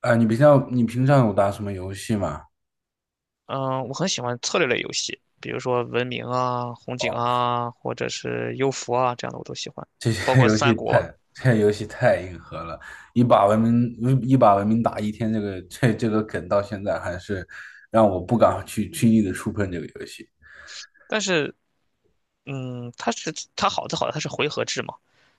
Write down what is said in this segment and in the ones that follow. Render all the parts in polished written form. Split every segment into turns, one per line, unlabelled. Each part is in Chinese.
你平常有打什么游戏吗？
嗯，我很喜欢策略类游戏，比如说文明啊、红警
哦，
啊，或者是幽浮啊这样的我都喜欢，
这
包
些
括
游戏
三
太
国。
这些游戏太硬核了。一把文明打一天，这个这个梗到现在还是让我不敢去轻易的触碰这个游戏。
但是，嗯，它是它好的好的，它是回合制嘛，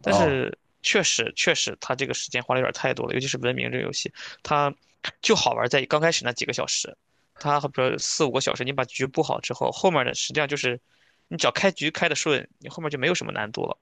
但
哦
是确实它这个时间花的有点太多了，尤其是文明这个游戏，它就好玩在刚开始那几个小时，它比如四五个小时，你把局布好之后，后面的实际上就是你只要开局开的顺，你后面就没有什么难度了。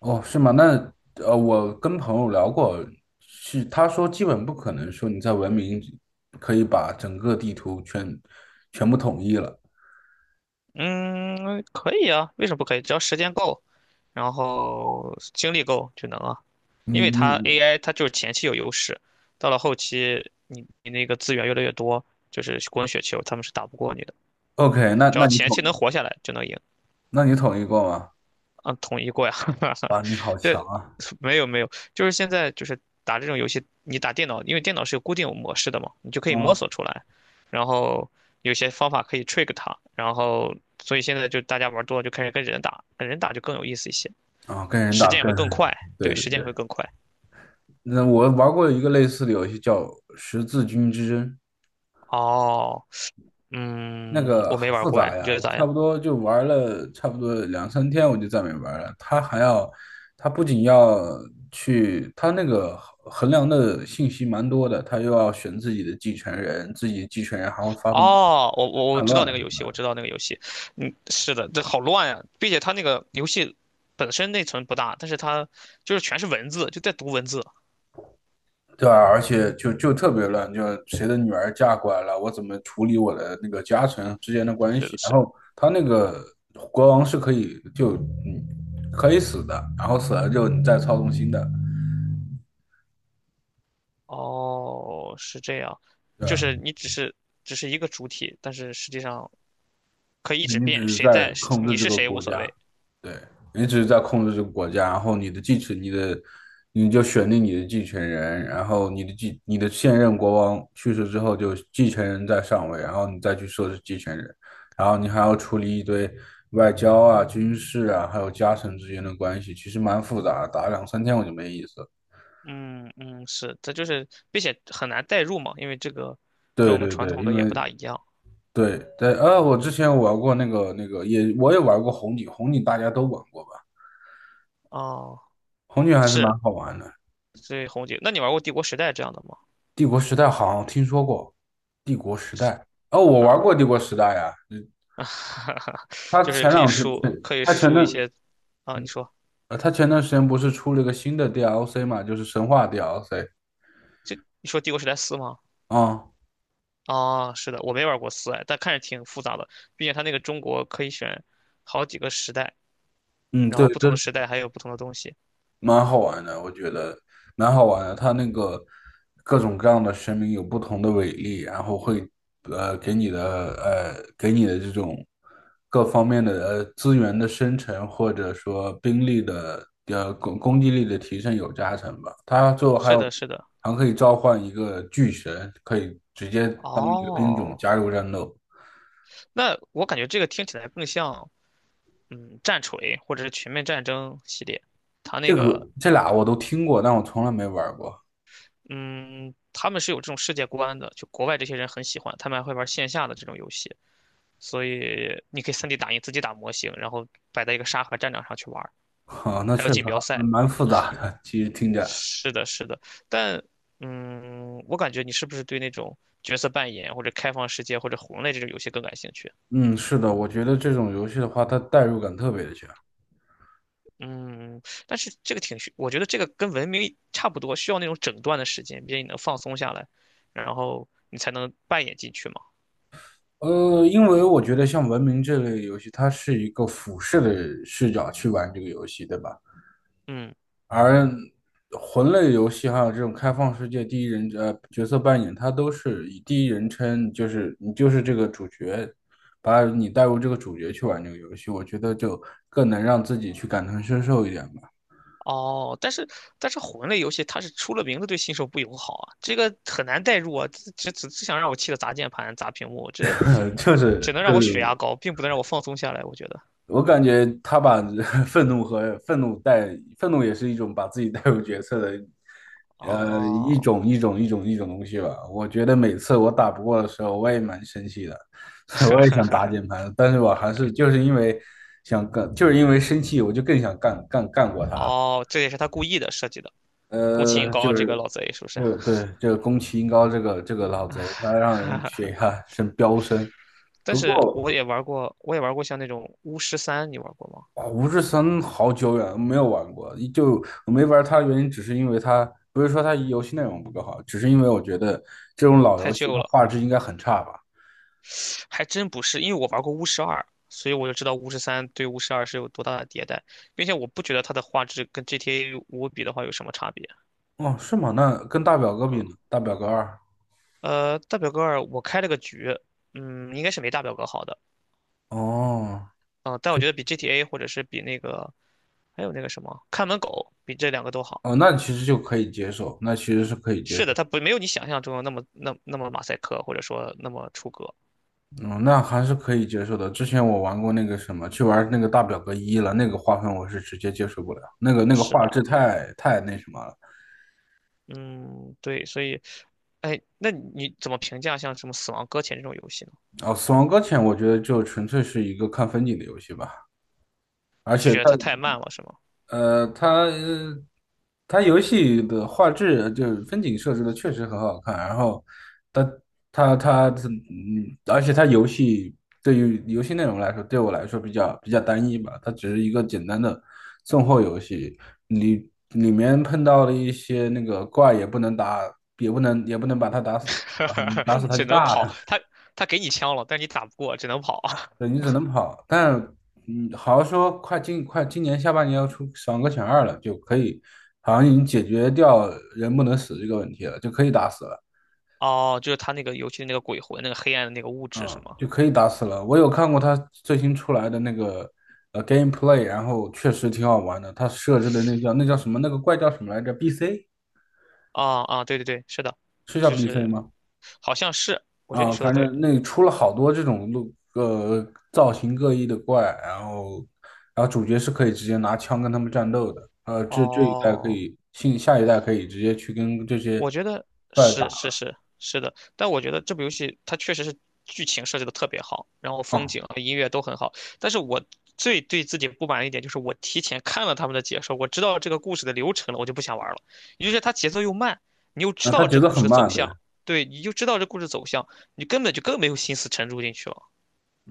哦，是吗？那我跟朋友聊过，是他说基本不可能说你在文明可以把整个地图全部统一了。
嗯，可以啊，为什么不可以？只要时间够。然后精力够就能啊，
你
因为它
你
AI 它就是前期有优势，到了后期你那个资源越来越多，就是滚雪球，他们是打不过你的。
OK?那
只
那
要前期能活下来就能赢。
那你统一过吗？
嗯，统一过呀，
哇，你好强
对，
啊！
没有没有，就是现在就是打这种游戏，你打电脑，因为电脑是有固定模式的嘛，你就可以摸
啊、
索出来，然后有些方法可以 trick 它，然后所以现在就大家玩多了就开始跟人打，跟人打就更有意思一些，
啊，跟人
时
打
间也
跟，
会更快，
对
对，
对
时间也会
对。
更快。
那我玩过一个类似的游戏叫《十字军之争》，
哦，
那
嗯，
个
我没
好
玩
复
过哎，
杂
你
呀，
觉得
我
咋样？
差不多两三天，我就再没玩了。他还要，他不仅要去，他那个衡量的信息蛮多的，他又要选自己的继承人，自己继承人还会发动
哦，我
叛
知道那
乱。
个游戏，我知道那个游戏，嗯，是的，这好乱呀、并且它那个游戏本身内存不大，但是它就是全是文字，就在读文字。
对啊，而且就特别乱，就谁的女儿嫁过来了，我怎么处理我的那个家臣之间的关
是的，
系？然
是的，
后他那
是的。
个国王是嗯可以死的，然后死了之后你再操纵新的，
哦，是这样，
对
就
吧？
是你只是只是一个主体，但是实际上可以一直
你
变，
只是
谁
在
在是
控制
你
这
是
个
谁无
国
所
家，
谓。
对，你只是在控制这个国家，然后你就选定你的继承人，然后你的现任国王去世之后，就继承人在上位，然后你再去设置继承人，然后你还要处理一堆外交啊、军事啊，还有家臣之间的关系，其实蛮复杂的，打两三天我就没意思了。
嗯嗯，是，这就是，并且很难代入嘛，因为这个跟
对
我们
对
传
对，
统
因
的也不
为
大一样。
对对，我之前玩过那个那个也，我也玩过红警，红警大家都玩过吧？
哦。
红警还是蛮
是
好玩的。
所以红姐，那你玩过《帝国时代》这样的吗？
帝国时代好像听说过。帝国时
是，
代哦，我
嗯，
玩过帝国时代呀。嗯 他
就是
前
可以
两天，他
输，
前
可以
它前
输一
段
些，啊，你说，
它前段时间不是出了一个新的 DLC 嘛，就是神话 DLC。
你说《帝国时代四》吗？
啊，
啊，是的，我没玩过四，哎，但看着挺复杂的，毕竟它那个中国可以选好几个时代，
嗯，
然
对，
后不同的
这
时代还有不同的东西。
蛮好玩的，我觉得蛮好玩的。它那个各种各样的神明有不同的伟力，然后会呃给你的给你的这种各方面的资源的生成，或者说兵力的攻击力的提升有加成吧。它最后还
是
有
的，是的，
还可以召唤一个巨神，可以直接当一个兵种
哦，
加入战斗。
那我感觉这个听起来更像，嗯，战锤或者是全面战争系列，它那
这
个。
个这俩我都听过，但我从来没玩过。
嗯，他们是有这种世界观的，就国外这些人很喜欢，他们还会玩线下的这种游戏。所以你可以 3D 打印自己打模型，然后摆在一个沙盒战场上去玩儿
那
还有
确实
锦
还
标赛。
蛮复杂的，其实听着。
是的，是的，但嗯，我感觉你是不是对那种角色扮演或者开放世界或者魂类这种游戏更感兴趣？
嗯，是的，我觉得这种游戏的话，它代入感特别的强。
嗯，但是这个挺需，我觉得这个跟文明差不多，需要那种整段的时间，毕竟你能放松下来，然后你才能扮演进去嘛。
因为我觉得像文明这类游戏，它是一个俯视的视角去玩这个游戏，对吧？
嗯。
而魂类游戏还有这种开放世界第一人呃角色扮演，它都是以第一人称，就是你就是这个主角，把你带入这个主角去玩这个游戏，我觉得就更能让自己去感同身受一点吧。
哦，但是但是魂类游戏它是出了名的对新手不友好啊，这个很难代入啊，这只想让我气得砸键盘、砸屏幕，这
就是
只能
就
让我血
是
压高，并不能让我放松下来，我觉得。
我感觉他把 愤怒和愤怒带，愤怒也是一种把自己带入角色的，
哦
一种东西吧。我觉得每次我打不过的时候，我也蛮生气的，我也想打键盘，但是我还是因为想干，就是因为生气，我就更想干干干过他了。
哦，这也是他故意的设计的，攻崎英
呃，
高
就
这个
是，
老贼是不是？
对对，这个宫崎英高这个老贼，他让人血压飙升。
但
不
是
过，
我也玩过，我也玩过像那种巫师三，你玩过吗？
啊，五指神好久远没有玩过，就我没玩它的原因，只是因为它不是说它游戏内容不够好，只是因为我觉得这种老
太
游戏
旧
它
了，
画质应该很差吧？
还真不是，因为我玩过巫师二，所以我就知道巫师三对巫师二是有多大的迭代，并且我不觉得它的画质跟 GTA 五比的话有什么差别。
哦，是吗？那跟大表哥比呢？
啊，
大表哥二。
呃，大表哥二我开了个局，嗯，应该是没大表哥好的，
哦，
啊，但我觉得比 GTA 或者是比那个还有那个什么看门狗，比这两个都好。
哦，那其实就可以接受，那其实是可以接
是的，
受。
它不没有你想象中的那么那那么马赛克，或者说那么出格。
嗯，那还是可以接受的。之前我玩过那个什么，去玩那个大表哥一了，那个画风我是直接接受不了，那个那个
是
画
的，
质那什么了。
嗯，对，所以，哎，那你怎么评价像什么《死亡搁浅》这种游戏呢？
哦，死亡搁浅我觉得就纯粹是一个看风景的游戏吧。而
就
且
觉得
它
它太慢了，是吗？
呃，它呃它游戏的画质就是风景设置的确实很好看，然后它它而且它游戏对于游戏内容来说，对我来说比较单一吧，它只是一个简单的送货游戏，里里面碰到了一些那个怪也不能打，也不能把它打死，打死 它就
只能
炸
跑，
了。
他给你枪了，但你打不过，只能跑。
对，你只能跑，但好像说快今年下半年要出爽个选二了，就可以，好像已经解决掉人不能死这个问题了，就可以打死了，
哦，就是他那个游戏的那个鬼魂，那个黑暗的那个物质，是
嗯，
吗？
就可以打死了。我有看过他最新出来的那个gameplay,然后确实挺好玩的。他设置的那叫什么那个怪叫什么来着？BC
啊啊，对对对，是的，
是叫
就
BC
是
吗？
好像是，我觉得你
啊，
说的
反
对。
正那出了好多这种路，造型各异的怪，然后，然后主角是可以直接拿枪跟他们战斗的，这这一代可
哦，
以，新下一代可以直接去跟这些
我觉得
怪打
是是的，但我觉得这部游戏它确实是剧情设计的特别好，然后风
啊，
景和音乐都很好。但是我最对自己不满一点就是我提前看了他们的解说，我知道这个故事的流程了，我就不想玩了。也就是它节奏又慢，你又知
那它
道
节
这
奏
故事
很
的走
慢，对，
向，对，你就知道这故事走向，你根本就更没有心思沉住进去了。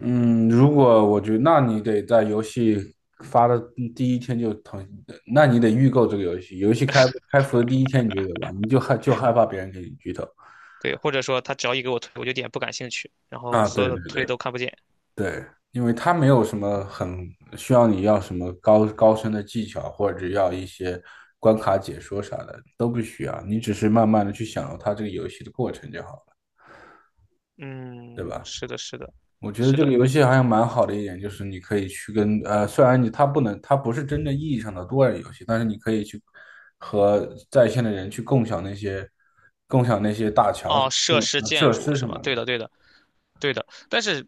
嗯，如果我觉得，那你得在游戏发的第一天就腾，那你得预购这个游戏，开服的第一天你就得玩，你就害怕别人给你剧透
对，或者说他只要一给我推，我就有点不感兴趣，然后
啊，
所
对
有的
对
推
对。
都看不见。
对，因为它没有什么很需要你要什么高深的技巧，或者要一些关卡解说啥的，都不需要。你只是慢慢的去享受它这个游戏的过程就好了，对
嗯，
吧？
是的，是的，
我觉得
是
这个
的。
游戏好像蛮好的一点，就是你可以去跟虽然你它不能，它不是真正意义上的多人游戏，但是你可以去和在线的人去共享那些
哦，设施建
设
筑
施
是
什
吧？
么的。
对的，对的，对的。但是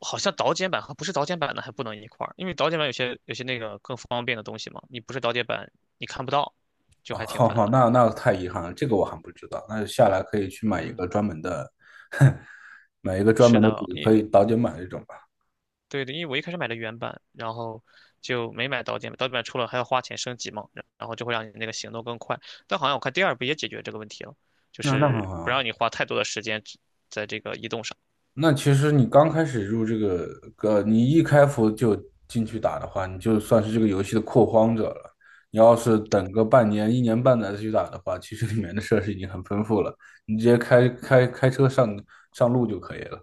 好像导剪版和不是导剪版的还不能一块儿，因为导剪版有些那个更方便的东西嘛，你不是导剪版你看不到，就
哦，
还挺
好
烦
好，
的。
那那太遗憾了，这个我还不知道。那下来可以去买一
嗯，
个专门的。买一个专
是
门的组，
的，
可以早点买这种吧。
对的，因为我一开始买的原版，然后就没买导剪版，导剪版出了还要花钱升级嘛，然后就会让你那个行动更快。但好像我看第二部也解决这个问题了，就
那那很
是不
好。
让你花太多的时间只在这个移动上。
那其实你刚开始入这个，你一开服就进去打的话，你就算是这个游戏的拓荒者了。你要是等个半年、一年半载再去打的话，其实里面的设施已经很丰富了，你直接开车上路就可以了。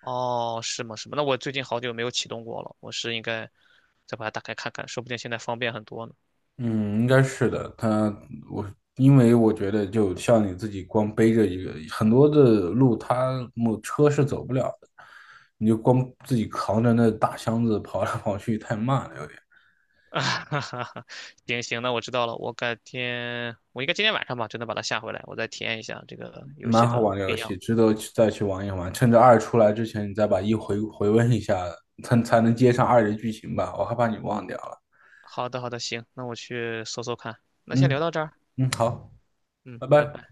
哦，是吗？是吗？那我最近好久没有启动过了，我是应该再把它打开看看，说不定现在方便很多呢。
嗯，应该是的。我因为我觉得，就像你自己光背着一个很多的路，他没车是走不了的，你就光自己扛着那大箱子跑来跑去，太慢了，有点。
啊哈哈哈，行行，那我知道了，我改天，我应该今天晚上吧，就能把它下回来，我再体验一下这个游戏
蛮好
的
玩的
不一
游
样。
戏，值得再去玩一玩。趁着二出来之前，你再把一回温一下，才能接上二的剧情吧。我害怕你忘掉了。
好的，好的，行，那我去搜搜看。那先聊
嗯
到这儿，
嗯，好，
嗯，
拜
拜
拜。
拜。